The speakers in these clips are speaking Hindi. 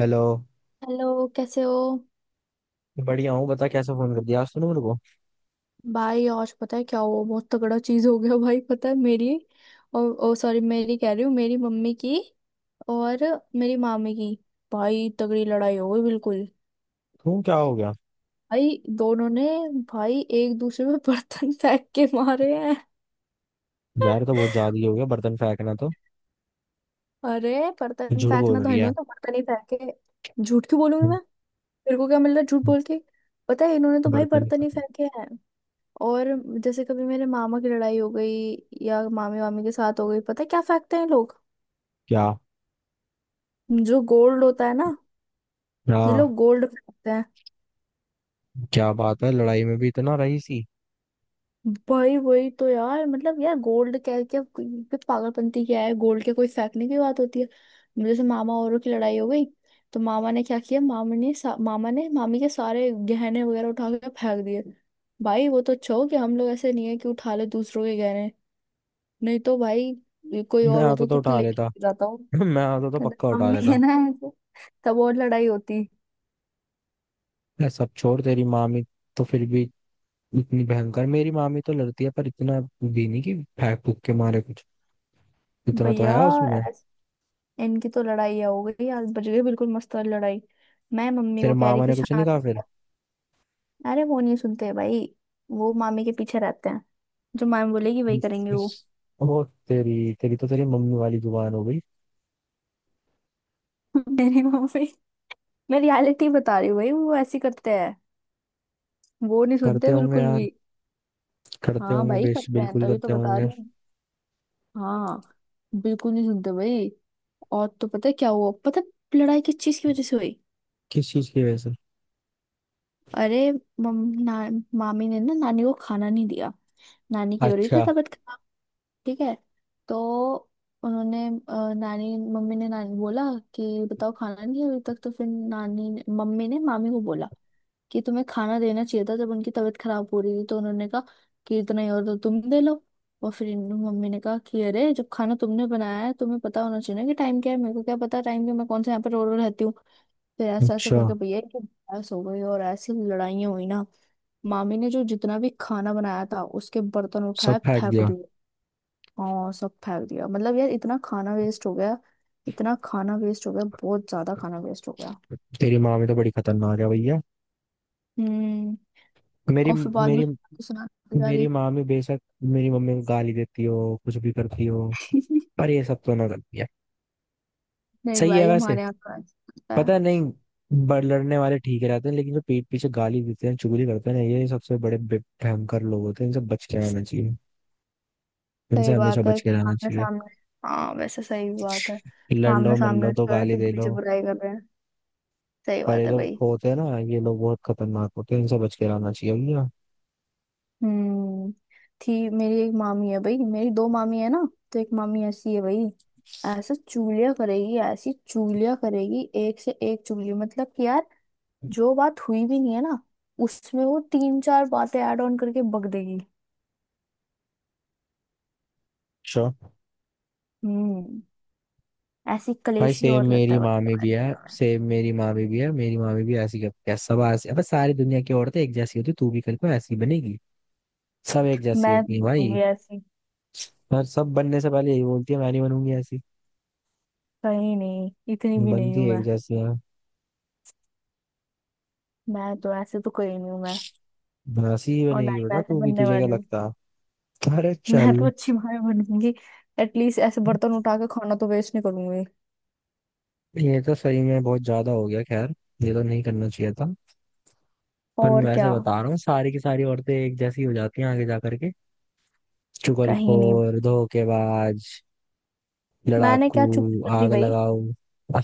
हेलो। हेलो, कैसे हो। बढ़िया हूँ, बता कैसे फोन कर दिया आज तूने मेरे को। भाई, आज पता है क्या हुआ? बहुत तगड़ा चीज हो गया। भाई, पता है मेरी और, ओ सॉरी, मेरी कह रही हूँ, मेरी मम्मी की और मेरी मामी की, भाई तगड़ी लड़ाई हो गई बिल्कुल। क्यों, क्या हो गया? भाई दोनों ने, भाई एक दूसरे में बर्तन फेंक के मारे हैं। यार, ये तो बहुत ज्यादा ही हो गया, बर्तन फेंकना तो। अरे बर्तन झूठ बोल फेंकना तो, रही है? इन्होंने तो बर्तन ही फेंके, झूठ क्यों बोलूंगी मैं? मेरे को क्या मिल रहा है झूठ बोल के? पता है इन्होंने तो भाई बर्तन? बर्तन ही फेंके हैं। और जैसे कभी मेरे मामा की लड़ाई हो गई या मामी वामी के साथ हो गई, पता है क्या फेंकते हैं लोग? क्या? जो गोल्ड होता है ना, ये हाँ। लोग गोल्ड फेंकते हैं। क्या बात है, लड़ाई में भी इतना रही सी। भाई वही तो यार, मतलब यार गोल्ड, क्या क्या क्या पागलपंती क्या है, गोल्ड के कोई फेंकने की बात होती है? जैसे मामा औरों की लड़ाई हो गई तो मामा ने क्या किया, मामा ने मामी के सारे गहने वगैरह उठा के फेंक दिए। भाई वो तो अच्छा हो कि हम लोग ऐसे नहीं है कि उठा ले दूसरों के गहने, नहीं तो भाई ये कोई मैं और होता आता तो तो उठा लेके लेता। जाता। मैं आता तो पक्का हम उठा भी लेता। है ना ऐसे, तब और लड़ाई होती। ये सब छोड़ तेरी मामी तो फिर भी। इतनी भयंकर मेरी मामी तो लड़ती है, पर इतना भी नहीं कि फेंक फूक के मारे कुछ। इतना तो भैया, है उसमें। ऐस- इनकी तो लड़ाई हो गई आज, बज गई बिल्कुल मस्त वाली लड़ाई। मैं मम्मी को तेरे कह रही मामा कि ने कुछ नहीं शांत कहा फिर? रहो। अरे वो नहीं सुनते भाई, वो मामी के पीछे रहते हैं। जो मामी बोलेगी वही करेंगे वो। इस- वो, तेरी तेरी तो तेरी मम्मी वाली जुबान हो गई। मेरी मम्मी, मैं रियलिटी बता रही हूँ भाई, वो ऐसे करते हैं, वो नहीं करते सुनते होंगे बिल्कुल यार, भी। करते हाँ होंगे भाई, बेश, करते हैं बिल्कुल तभी तो करते बता होंगे। रही हूँ। हाँ, बिल्कुल नहीं सुनते भाई। और तो पता है क्या हुआ, पता है लड़ाई किस चीज की वजह से हुई? किस चीज की वजह से? अरे मामी ने ना नानी को खाना नहीं दिया। नानी की हो रही थी अच्छा। तबीयत खराब। ठीक है, तो उन्होंने अ, नानी मम्मी ने नानी बोला कि बताओ खाना नहीं है अभी तक, तो फिर मम्मी ने मामी को बोला कि तुम्हें खाना देना चाहिए था जब उनकी तबीयत खराब हो रही थी। तो उन्होंने कहा कि इतना ही और तो तुम दे लो। और फिर मम्मी ने कहा कि अरे जब खाना तुमने बनाया है तुम्हें पता होना चाहिए ना कि टाइम क्या है, मेरे को क्या पता टाइम का, मैं कौन से यहाँ पर रो रो रहती हूँ। फिर ऐसा ऐसा अच्छा। करके भैया की बहस हो गई और ऐसी लड़ाइयाँ हुई ना। मामी ने जो जितना भी खाना बनाया था उसके बर्तन सब उठाए फेंक फेंक दिया? दिए। हाँ, सब फेंक दिया, मतलब यार इतना खाना वेस्ट हो गया। इतना खाना वेस्ट हो गया, बहुत ज्यादा खाना वेस्ट हो गया। तेरी माँ भी तो बड़ी खतरनाक है भैया। हम्म। मेरी और फिर बाद में मेरी सुना जा मेरी रही। माँ भी बेशक मेरी मम्मी को गाली देती हो, कुछ भी करती हो, पर ये सब तो ना करती है। नहीं सही है भाई, वैसे। हमारे यहाँ का ऐसा होता है। पता नहीं। बड़ लड़ने वाले ठीक रहते हैं, लेकिन जो पीठ पीछे गाली देते हैं, चुगली करते हैं ना, ये सबसे बड़े भयंकर लोग होते हैं, इनसे बच के रहना चाहिए। इनसे सही हमेशा बात है, बच के रहना सामने चाहिए। सामने। हाँ वैसे सही बात है, लड़ सामने लो मल लो, सामने दो जो है, गाली पीठ दे लो, पीछे बुराई कर रहे हैं। सही पर ये बात है जो भाई। होते हैं ना, ये लोग बहुत खतरनाक होते हैं, इनसे बच के रहना चाहिए भैया। हम्म। थी मेरी एक मामी है भाई, मेरी दो मामी है ना, तो एक मामी ऐसी है भाई, ऐसा चूलिया करेगी, ऐसी चूलिया करेगी, एक से एक चूलिया, मतलब कि यार जो बात हुई भी नहीं है ना, उसमें वो तीन चार बातें ऐड ऑन करके बक देगी। श्योर। हम्म। ऐसी भाई कलेशी सेम और रहता मेरी है मामी भाई। भी है। मेरी मामी भी ऐसी करती है। सब ऐसी, अबे सारी दुनिया की औरतें एक जैसी होती, तू भी कल को ऐसी बनेगी। सब एक जैसी मैं होती है हूँ भाई। ऐसी? और सब बनने से पहले यही बोलती है मैं नहीं बनूंगी ऐसी। कहीं नहीं, इतनी भी नहीं बनती हूँ है, एक मैं। जैसी है। मैं तो ऐसे तो कहीं नहीं हूँ मैं, ऐसी ही और ना बनेगी ही मैं बेटा ऐसे तू भी, बनने तुझे क्या वाली हूँ। लगता। अरे मैं चल। तो अच्छी माँ बनूंगी, एटलीस्ट ऐसे बर्तन उठा के खाना तो वेस्ट नहीं करूंगी। ये तो सही में बहुत ज्यादा हो गया खैर। ये तो नहीं करना चाहिए था। पर मैं और वैसे क्या। बता रहा हूँ, सारी की सारी औरतें एक जैसी हो जाती हैं आगे जा करके। कहीं नहीं, चुगलखोर, धोखेबाज, मैंने लड़ाकू, क्या चुप कर दी आग भाई। लगाऊ।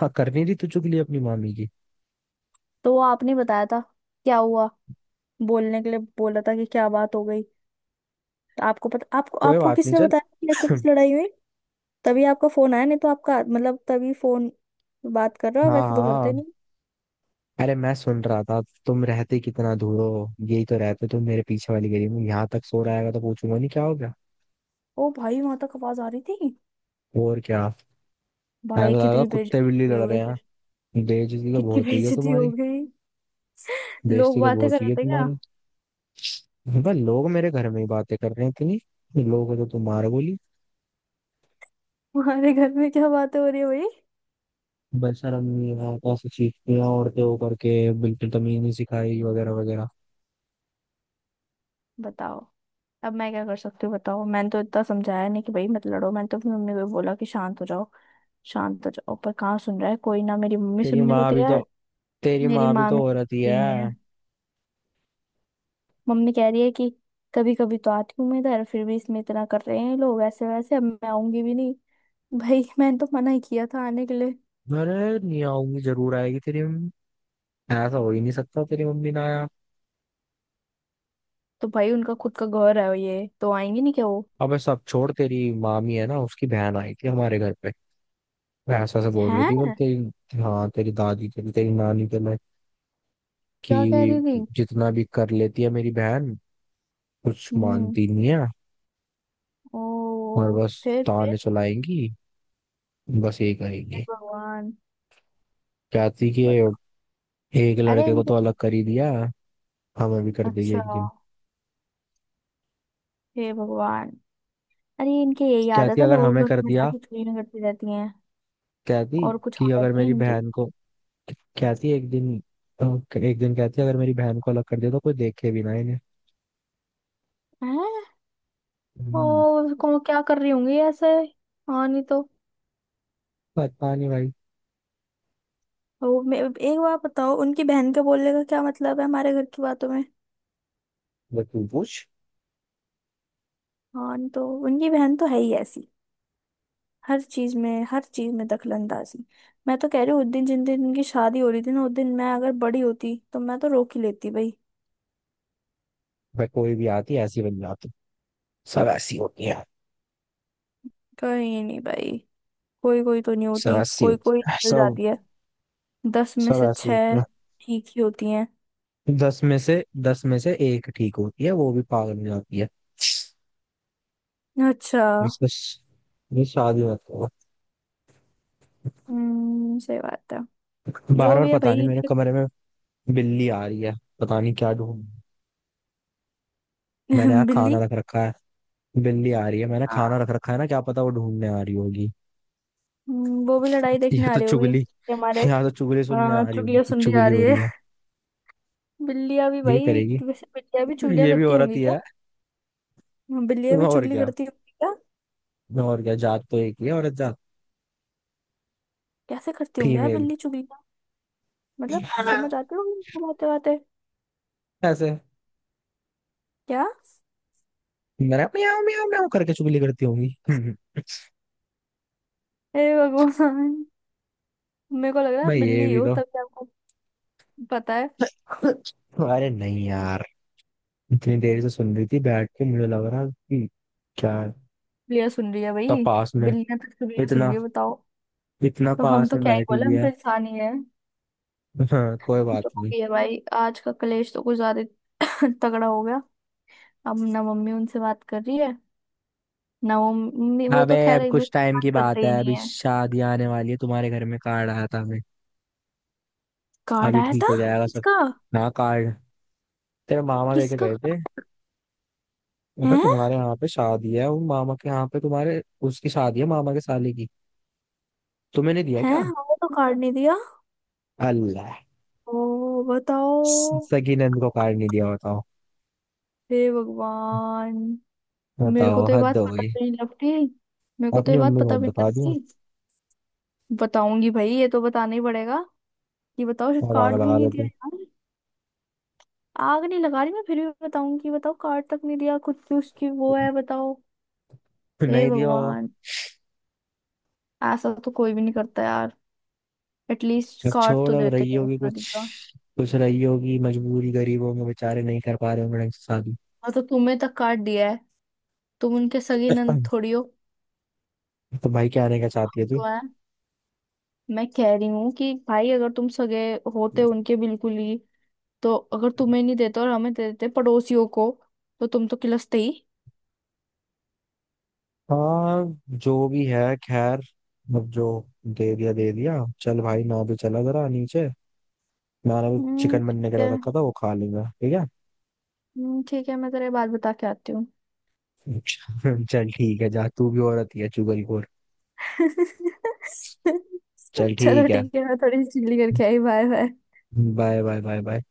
हाँ, करनी थी तो चुगली अपनी मामी की। तो वो आपने बताया था क्या हुआ, बोलने के लिए बोला था कि क्या बात हो गई। तो आपको पता आपको कोई आपको बात नहीं, किसने चल। बताया कि ऐसे कुछ लड़ाई हुई? तभी आपका फोन आया, नहीं तो आपका मतलब तभी फोन, बात कर रहे हो हाँ, वैसे तो करते हाँ। नहीं। अरे मैं सुन रहा था। तुम रहते कितना दूर हो, यही तो रहते तुम मेरे पीछे वाली गली में, यहाँ तक सो रहा है तो पूछूंगा नहीं क्या हो गया? ओ भाई वहां तक आवाज आ रही थी? और क्या। मैं भाई तो लगा कितनी कुत्ते बेइज्जती बिल्ली हुई लड़ होगी रहे फिर, हैं। बेइज्जती तो कितनी बहुत हुई है बेइज्जती हो तुम्हारी। गई। लोग बेइज्जती तो बातें कर बहुत हुई रहे है थे क्या? तुम्हारी। भाई लोग मेरे घर में ही बातें कर रहे हैं इतनी। लोगों को तो तुम मार बोली? हमारे घर में क्या बातें हो रही है भाई, बेशरम नहीं है, कैसे चीखती हैं औरतें होकर के, बिल्कुल तमीज नहीं सिखाई वगैरह वगैरह। बताओ। अब मैं क्या कर सकती हूँ बताओ, मैंने तो इतना समझाया नहीं कि भाई मत लड़ो, मैंने तो अपनी मम्मी को बोला कि शांत हो जाओ, शांत हो जाओ, पर कहाँ सुन रहा है कोई ना, मेरी मम्मी तेरी सुनने को माँ भी तो तैयार। तेरी मेरी माँ भी मामी तो तो औरत ही सुनती ही नहीं है। है, मम्मी कह रही है कि कभी कभी तो आती हूँ मैं इधर, फिर भी इसमें इतना कर रहे हैं ये लोग, ऐसे वैसे अब मैं आऊंगी भी नहीं। भाई मैंने तो मना ही किया था आने के लिए। अरे नहीं आऊंगी, जरूर आएगी तेरी मम्मी। ऐसा हो ही नहीं सकता तेरी मम्मी ना आया। तो भाई उनका खुद का घर है, ये तो आएंगे नहीं क्या वो। अबे सब छोड़, तेरी मामी है ना, उसकी बहन आई थी हमारे घर पे। वो ऐसा से बोल रही थी, बोल हैं, तेरी, हाँ तेरी दादी के लिए तेरी नानी के लिए क्या कह कि रही थी? जितना भी कर लेती है मेरी बहन, कुछ हम्म। मानती नहीं है। ओ, और बस फिर फिर। ताने चलाएंगी, बस ये हे करेंगी। भगवान, कहती कि बताओ। एक अरे लड़के को इनके, तो अलग कर ही दिया, हमें भी कर देगी अच्छा, एक दिन। हे भगवान, अरे इनके यही कहती आदत है, अगर लोग हमें घर कर में दिया, जाके चोरियां करती रहती हैं, कहती और कुछ कि अगर आदत नहीं मेरी इनकी। बहन को, कहती एक दिन, अ, एक दिन कहती अगर मेरी बहन को अलग कर दिया तो कोई देखे भी ना इन्हें। हैं। ओ, हम्म, को क्या कर रही होंगी ऐसे। हाँ नहीं तो। पता नहीं भाई। ओ, एक बार बताओ उनकी बहन के बोलने का क्या मतलब है हमारे घर की बातों में? बस तू पूछ। हाँ नहीं तो, उनकी बहन तो है ही ऐसी, हर चीज में दखलंदाजी। मैं तो कह रही हूँ उस दिन जिन दिन इनकी शादी हो रही थी ना, उस दिन मैं अगर बड़ी होती तो मैं तो रोक ही लेती भाई। भाई कोई भी आती है, ऐसी बन जाती। सब ऐसी होती है। कहीं नहीं भाई, कोई कोई तो नहीं सब होती, ऐसी कोई होती कोई है निकल सब। जाती है, दस में सब से ऐसी होती छह है। ठीक ही होती हैं। दस में से एक ठीक होती है, वो भी पागल हो जाती है। अच्छा। इसको ये शादी मत करो। हम्म, सही बात है। बार जो बार भी है भाई पता नहीं, मेरे इनके- कमरे में बिल्ली आ रही है, पता नहीं क्या ढूंढ। मैंने यहाँ खाना बिल्ली। रख रखा है। बिल्ली आ रही है, मैंने हाँ। खाना रख रखा है ना, क्या पता वो ढूंढने आ रही होगी। वो भी लड़ाई देखने ये आ तो रही होगी चुगली, कि हमारे। यहाँ तो चुगली सुनने हाँ, आ रही चुगलिया होगी, सुन रही आ चुगली रही हो है। रही है। बिल्लियां भी ये भाई, करेगी। वैसे बिल्लियां भी चुगलिया ये भी करती औरत होंगी ही क्या? है। हाँ, बिल्लियां भी और चुगली क्या। करती होंगी क्या? और क्या, जात तो एक ही है, औरत जात। कैसे करती होंगी यार फीमेल। बिल्ली चुगलिया, मतलब समझ आती होंगी उनको बातें बातें? ऐसे, क्या? मैंने म्याऊं म्याऊं म्याऊं करके चुगली करती होंगी। हे भगवान। मेरे को लग रहा है आप भाई ये बिल्ली भी हो, तो। तभी आपको पता है। अरे नहीं यार, इतनी देर से सुन रही थी बैठ के, मुझे लग रहा कि क्या है? बिल्लियां सुन रही है तो भाई, पास में, बिल्लियां तो चुगलियां सुन रही इतना है बताओ। इतना तो हम पास तो में क्या ही बैठी बोले, हुई हम तो है। इंसान ही है। हाँ, कोई बात जो हो नहीं। गई है भाई, आज का कलेश तो कुछ ज्यादा ही तगड़ा हो गया। अब ना मम्मी उनसे बात कर रही है ना वो मम्मी, वो अबे तो खैर अब एक कुछ दूसरे से टाइम बात की करते बात ही है, नहीं अभी है। शादी आने वाली है तुम्हारे घर में, कार्ड आया था हमें। कार्ड अभी आया ठीक था? हो जाएगा सब। किसका? ना, कार्ड तेरे मामा लेके किसका गए थे। अगर है? तुम्हारे यहाँ पे शादी है वो मामा के यहाँ पे तुम्हारे, उसकी शादी है मामा के साले की। तुम्हें नहीं दिया है, क्या? हमें तो कार्ड नहीं दिया। अल्लाह। ओ बताओ। सगी नंद को कार्ड नहीं दिया, बताओ। हे भगवान, मेरे को बताओ तो ये हद बात हो पता गई। भी नहीं लगती, मेरे को तो अपनी ये बात मम्मी को पता भी नहीं बता दिया, लगती। बताऊंगी भाई, ये तो बताना ही पड़ेगा, कि बताओ सिर्फ और आग कार्ड भी लगा नहीं दिया देती। यार। आग नहीं लगा रही मैं, फिर भी बताऊंगी, बताओ कार्ड तक नहीं दिया, खुद की उसकी वो है बताओ। हे नहीं दिया। भगवान, ऐसा तो कोई भी नहीं करता यार, एटलीस्ट अब कार्ड छोड़, तो अब देते रही ही हैं होगी कुछ, शादी का। कुछ रही होगी मजबूरी, गरीब होंगे बेचारे, नहीं कर पा रहे होंगे ढंग से शादी। और तो तुम्हें तक कार्ड दिया है, तुम उनके सगे नंद थोड़ी हो। तो भाई क्या आने का चाहती है तू? तो मैं मैं कह रही हूँ कि भाई अगर तुम सगे होते उनके बिल्कुल ही, तो अगर तुम्हें नहीं देते और हमें दे देते पड़ोसियों को, तो तुम तो किलसते ही। हाँ। जो भी है खैर। अब जो दे दिया दे दिया। चल भाई मैं भी चला जरा नीचे, मैंने भी चिकन ठीक बनने के लिए है। रखा था वो खा लूंगा। ठीक ठीक है, मैं तेरे बाद बता के आती हूँ। है। चल ठीक है, जा, तू भी औरत ही है चुगलखोर। चल चलो ठीक है। ठीक है, मैं थोड़ी चिल्ली करके आई, bye bye. Bye bye. Bye bye.